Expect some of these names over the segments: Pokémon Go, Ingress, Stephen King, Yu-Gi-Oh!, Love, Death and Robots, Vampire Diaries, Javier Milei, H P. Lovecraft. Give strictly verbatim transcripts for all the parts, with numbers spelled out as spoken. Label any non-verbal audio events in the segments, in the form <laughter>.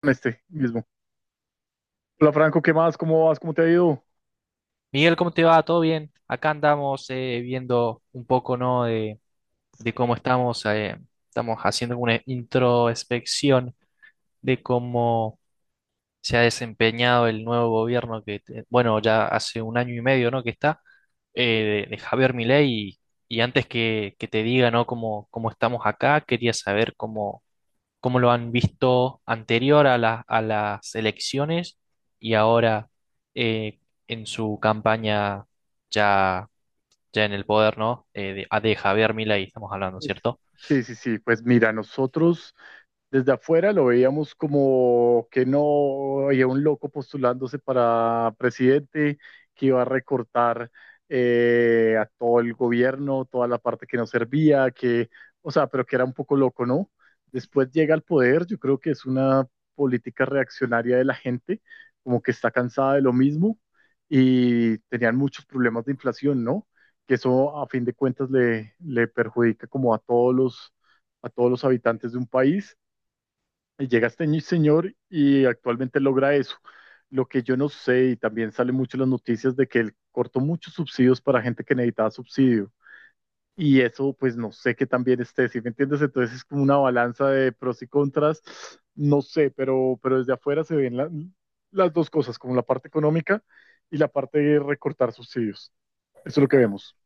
Con este mismo. Hola Franco, ¿qué más? ¿Cómo vas? ¿Cómo te ha ido? Miguel, ¿cómo te va? ¿Todo bien? Acá andamos eh, viendo un poco, ¿no? de, de cómo estamos, eh, estamos haciendo una introspección de cómo se ha desempeñado el nuevo gobierno que, te- bueno, ya hace un año y medio, ¿no? que está, eh, de, de Javier Milei y, y antes que, que te diga, ¿no? cómo, cómo estamos acá. Quería saber cómo, cómo lo han visto anterior a la- a las elecciones y ahora eh, en su campaña, ya ya en el poder, ¿no? Eh, de, ah, de Javier Milei estamos hablando, Pues- ¿cierto? Sí, sí, sí. Pues mira, nosotros desde afuera lo veíamos como que no había un loco postulándose para presidente que iba a recortar eh, a todo el gobierno, toda la parte que no servía, que, o sea, pero que era un poco loco, ¿no? Después llega al poder, yo creo que es una política reaccionaria de la gente, como que está cansada de lo mismo y tenían muchos problemas de inflación, ¿no? Que eso a fin de cuentas le, le perjudica como a todos los, a todos los habitantes de un país. Y llega este ñi- señor y actualmente logra eso. Lo que yo no sé, y también sale mucho en las noticias de que él cortó muchos subsidios para gente que necesitaba subsidio. Y eso, pues no sé qué también esté, ¿sí me entiendes? Entonces es como una balanza de pros y contras. No sé, pero, pero desde afuera se ven la- las dos cosas, como la parte económica y la parte de recortar subsidios. Eso es lo que vemos.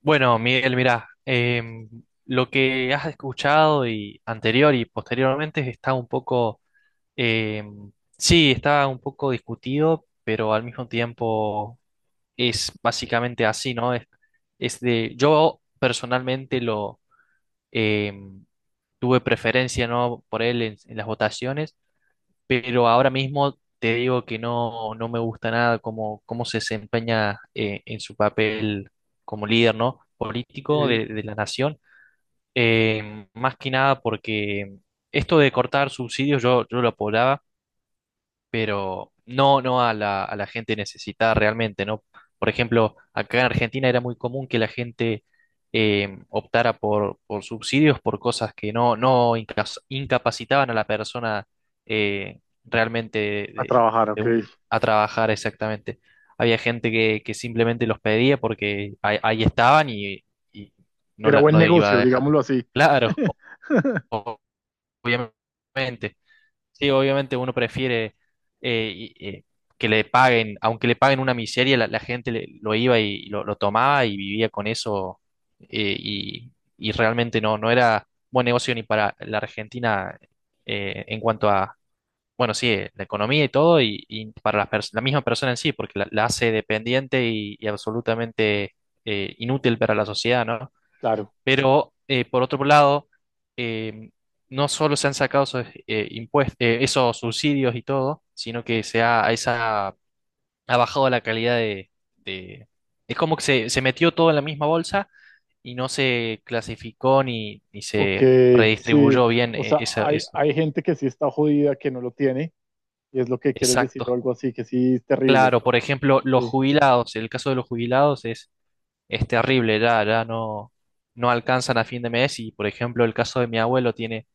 Bueno, Miguel, mirá, em, lo que has escuchado y anterior y posteriormente está un poco, em, sí, está un poco discutido, pero al mismo tiempo es básicamente así, ¿no? Es, es de, yo personalmente lo em, tuve preferencia, ¿no? Por él en en las votaciones, pero ahora mismo te digo que no, no me gusta nada cómo, cómo se desempeña eh, en su papel como líder, ¿no? político de, de la nación. Eh, más que nada porque esto de cortar subsidios yo, yo lo apoyaba, pero no, no a la, a la gente necesitada realmente, ¿no? Por ejemplo, acá en Argentina era muy común que la gente eh, optara por, por subsidios por cosas que no, no incas- incapacitaban a la persona eh, realmente A de, trabajar, ok. de un- a trabajar exactamente. Había gente que, que simplemente los pedía porque ahí, ahí estaban, y, y no, Era la- buen no iba a negocio, dejar. digámoslo así. Claro, o- obviamente. Sí, obviamente uno prefiere eh, y- eh, que le paguen, aunque le paguen una miseria, la, la gente le- lo iba y lo, lo tomaba y vivía con eso, eh, y, y realmente no, no era buen negocio ni para la Argentina eh, en cuanto a, bueno, sí, eh, la economía y todo, y, y para las pers- la misma persona en sí, porque la, la hace dependiente y, y absolutamente eh, inútil para la sociedad, ¿no? Claro, Pero eh, por otro lado, eh, no solo se han sacado esos, eh, impues- eh, esos subsidios y todo, sino que se ha, esa, ha bajado la calidad de, de- Es como que se, se metió todo en la misma bolsa y no se clasificó ni, ni ok, se sí. redistribuyó bien, O eh, sea, esa- hay, eso. hay gente que sí está jodida, que no lo tiene, y es lo que quieres decir o Exacto. algo así, que sí es terrible. Claro, por ejemplo, los Sí, jubilados, el caso de los jubilados es, es terrible. Ya, ya no, no alcanzan a fin de mes. Y por ejemplo, el caso de mi abuelo: tiene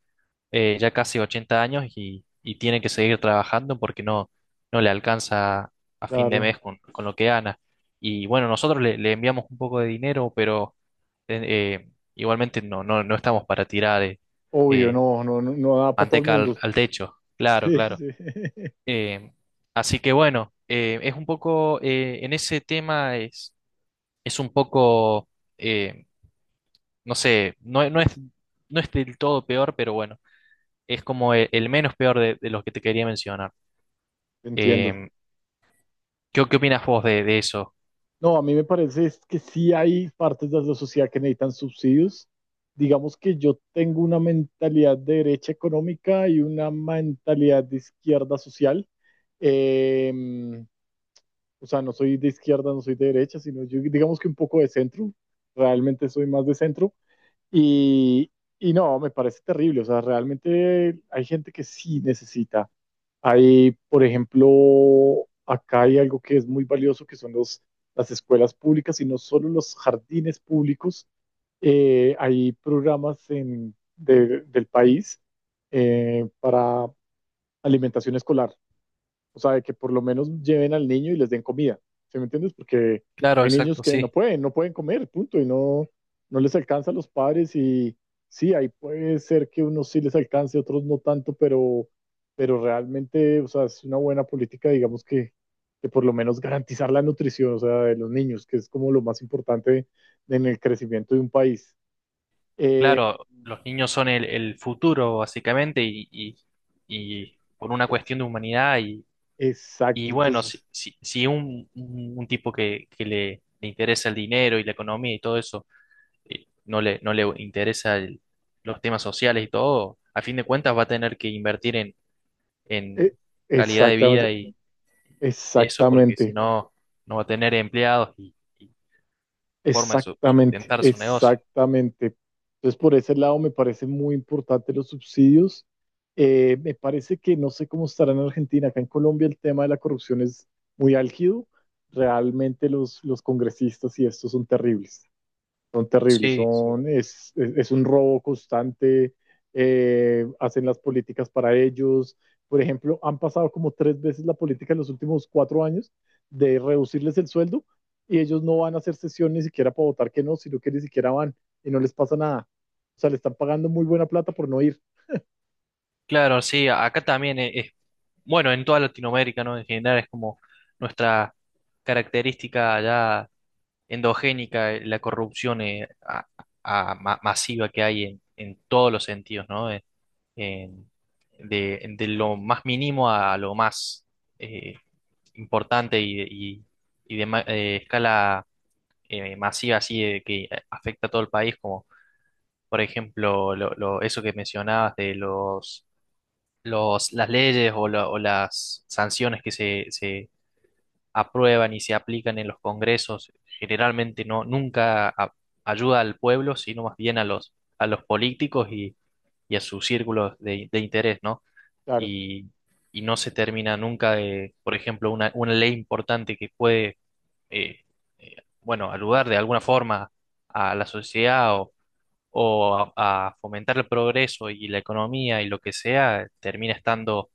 eh, ya casi ochenta años y, y tiene que seguir trabajando porque no, no le alcanza a fin de claro. mes con, con lo que gana. Y bueno, nosotros le, le enviamos un poco de dinero, pero eh, eh, igualmente no, no, no estamos para tirar, eh, Obvio, eh, no, no, no, no da para todo el manteca al, mundo. al techo. Claro, Sí, claro. sí. <laughs> Eh, Así que bueno, eh, es un poco, eh, en ese tema es, es un poco, eh, no sé, no, no es, no es del todo peor, pero bueno, es como el, el menos peor de, de los que te quería mencionar. Entiendo. Eh, ¿Qué, qué opinas vos de, de eso? No, a mí me parece es que sí hay partes de la sociedad que necesitan subsidios. Digamos que yo tengo una mentalidad de derecha económica y una mentalidad de izquierda social. Em, o sea, no soy de izquierda, no soy de derecha, sino yo digamos que un poco de centro, realmente soy más de centro y, y no, me parece terrible, o sea, realmente hay gente que sí necesita. Hay, por ejemplo, acá hay algo que es muy valioso, que son los, las escuelas públicas y no solo los jardines públicos. Eh, hay programas en, de- del país eh, para alimentación escolar. O sea, de que por lo menos lleven al niño y les den comida. ¿Sí me entiendes? Porque Claro, hay niños exacto, que no sí. pueden, no pueden comer, punto, y no, no les alcanza a los padres y sí, ahí puede ser que unos sí les alcance, otros no tanto, pero, pero realmente, o sea, es una buena política, digamos que, que por lo menos garantizar la nutrición, o sea, de los niños, que es como lo más importante en el crecimiento de un país. Eh, Claro, los niños son el, el futuro, básicamente, y, y- y por una cuestión de humanidad. Y, y exacto, bueno, si, entonces, si, si un, un- un tipo que, que le, le interesa el dinero y la economía y todo eso, eh, no le, no le interesa el- los temas sociales y todo, a fin de cuentas va a tener que invertir en, en eh, calidad de vida, exactamente, eso, porque si exactamente. no, no va a tener empleados y, y forma de su- Exactamente, sustentar su negocio. exactamente. Entonces, por ese lado me parece muy importante los subsidios. Eh, me parece que no sé cómo estará en Argentina, acá en Colombia el tema de la corrupción es muy álgido. Realmente los, los congresistas y estos son terribles son terribles, Sí, sí. son, es, es, es un robo constante, eh, hacen las políticas para ellos. Por ejemplo, han pasado como tres veces la política en los últimos cuatro años de reducirles el sueldo y ellos no van a hacer sesión ni siquiera para votar que no, sino que ni siquiera van y no les pasa nada. O sea, le están pagando muy buena plata por no ir. Claro, sí, acá también e- es, bueno, en toda Latinoamérica, ¿no? En general es como nuestra característica ya endogénica, eh, la corrupción, eh, a- a- ma- masiva, que hay en, en todos los sentidos, ¿no? En- en- de, de lo más mínimo a lo más eh, importante, y, de- y, y de ma- eh, escala eh, masiva, así de que afecta a todo el país, como por ejemplo lo- lo- eso que mencionabas de los, los, las leyes, o, la- o las sanciones que se, se aprueban y se aplican en los congresos, generalmente no, nunca a- ayuda al pueblo, sino más bien a los, a los políticos y, y a sus círculos de, de interés, ¿no? Claro, Y, y no se termina nunca de, por ejemplo, una, una ley importante que puede eh, eh, bueno, ayudar de alguna forma a la sociedad, o, o a, a fomentar el progreso y la economía y lo que sea, termina estando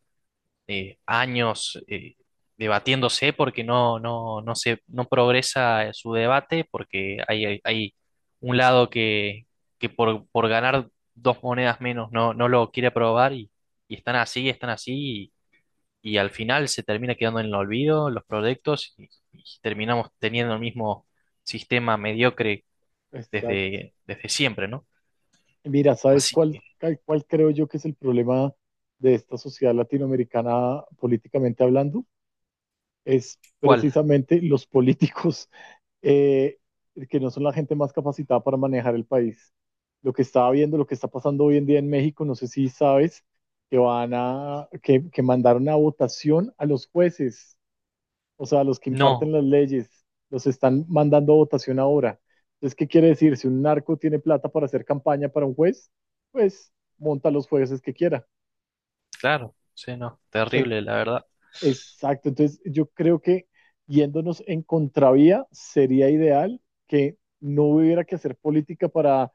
eh, años eh, debatiéndose, porque no, no, no se, no progresa eh, su debate, porque hay, hay, hay un lado que, que por, por ganar dos monedas menos no, no lo quiere aprobar, y, y están así, están así, y al final se termina quedando en el olvido los proyectos y, y terminamos teniendo el mismo sistema mediocre exacto. desde, desde siempre, ¿no? Mira, ¿sabes Así cuál, que, cuál cuál creo yo que es el problema de esta sociedad latinoamericana políticamente hablando? Es ¿cuál? precisamente los políticos eh, que no son la gente más capacitada para manejar el país. Lo que estaba viendo, lo que está pasando hoy en día en México, no sé si sabes, que van a, que, que mandaron a votación a los jueces, o sea, a los que imparten No, las leyes, los están mandando a votación ahora. Entonces, ¿qué quiere decir? Si un narco tiene plata para hacer campaña para un juez, pues monta los jueces que quiera. claro, sí, no, En- terrible, la verdad. Exacto, entonces yo creo que yéndonos en contravía sería ideal que no hubiera que hacer política para,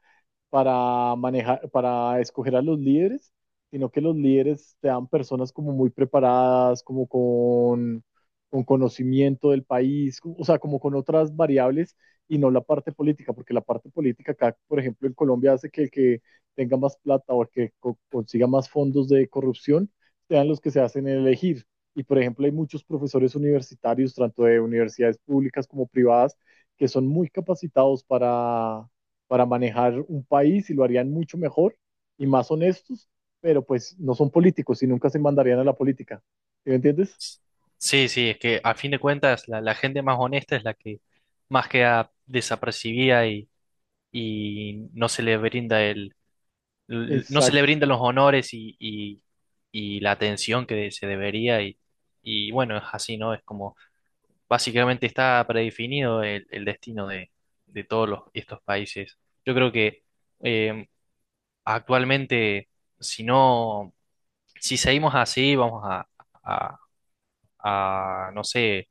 para manejar, para escoger a los líderes, sino que los líderes sean personas como muy preparadas, como con, con conocimiento del país, o sea, como con otras variables y no la parte política, porque la parte política acá, por ejemplo, en Colombia hace que el que tenga más plata o el que co- consiga más fondos de corrupción sean los que se hacen elegir y por ejemplo, hay muchos profesores universitarios, tanto de universidades públicas como privadas, que son muy capacitados para, para manejar un país y lo harían mucho mejor y más honestos, pero pues no son políticos y nunca se mandarían a la política. ¿Sí ¿Me entiendes? Sí, sí, es que a fin de cuentas la, la gente más honesta es la que más queda desapercibida, y, y no se le brinda el, l- no se le Exacto, brindan los honores y, y- y la atención que se debería. Y, y bueno, es así, ¿no? Es como: básicamente está predefinido el, el destino de, de todos los- estos países. Yo creo que eh, actualmente, si no, si seguimos así, vamos a, a- a, no sé,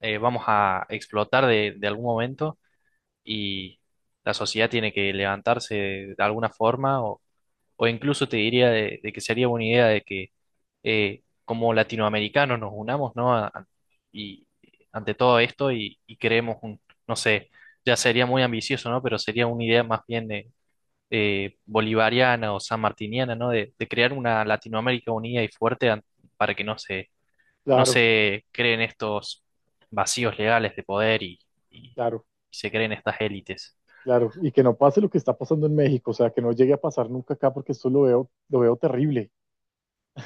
eh, vamos a explotar de, de algún momento, y la sociedad tiene que levantarse de alguna forma. O incluso te diría de, de que sería buena idea de que eh, como latinoamericanos nos unamos, ¿no? A- a- y ante todo esto, y, y creemos un, no sé, ya sería muy ambicioso, ¿no? Pero sería una idea más bien de, eh, bolivariana o sanmartiniana, ¿no? De, de crear una Latinoamérica unida y fuerte, an- para que no se, no claro, se creen estos vacíos legales de poder, y, y- claro, se creen estas élites. claro. Y que no pase lo que está pasando en México, o sea, que no llegue a pasar nunca acá porque esto lo veo, lo veo terrible.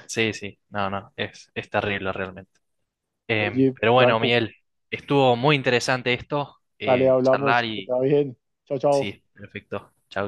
Sí, sí, no, no, es, es terrible realmente. Em, Oye, Pero bueno, Franco, Miguel, estuvo muy interesante esto, dale, eh, charlar. hablamos, que te Y va bien. Chao, chao. sí, perfecto. Chau, chau.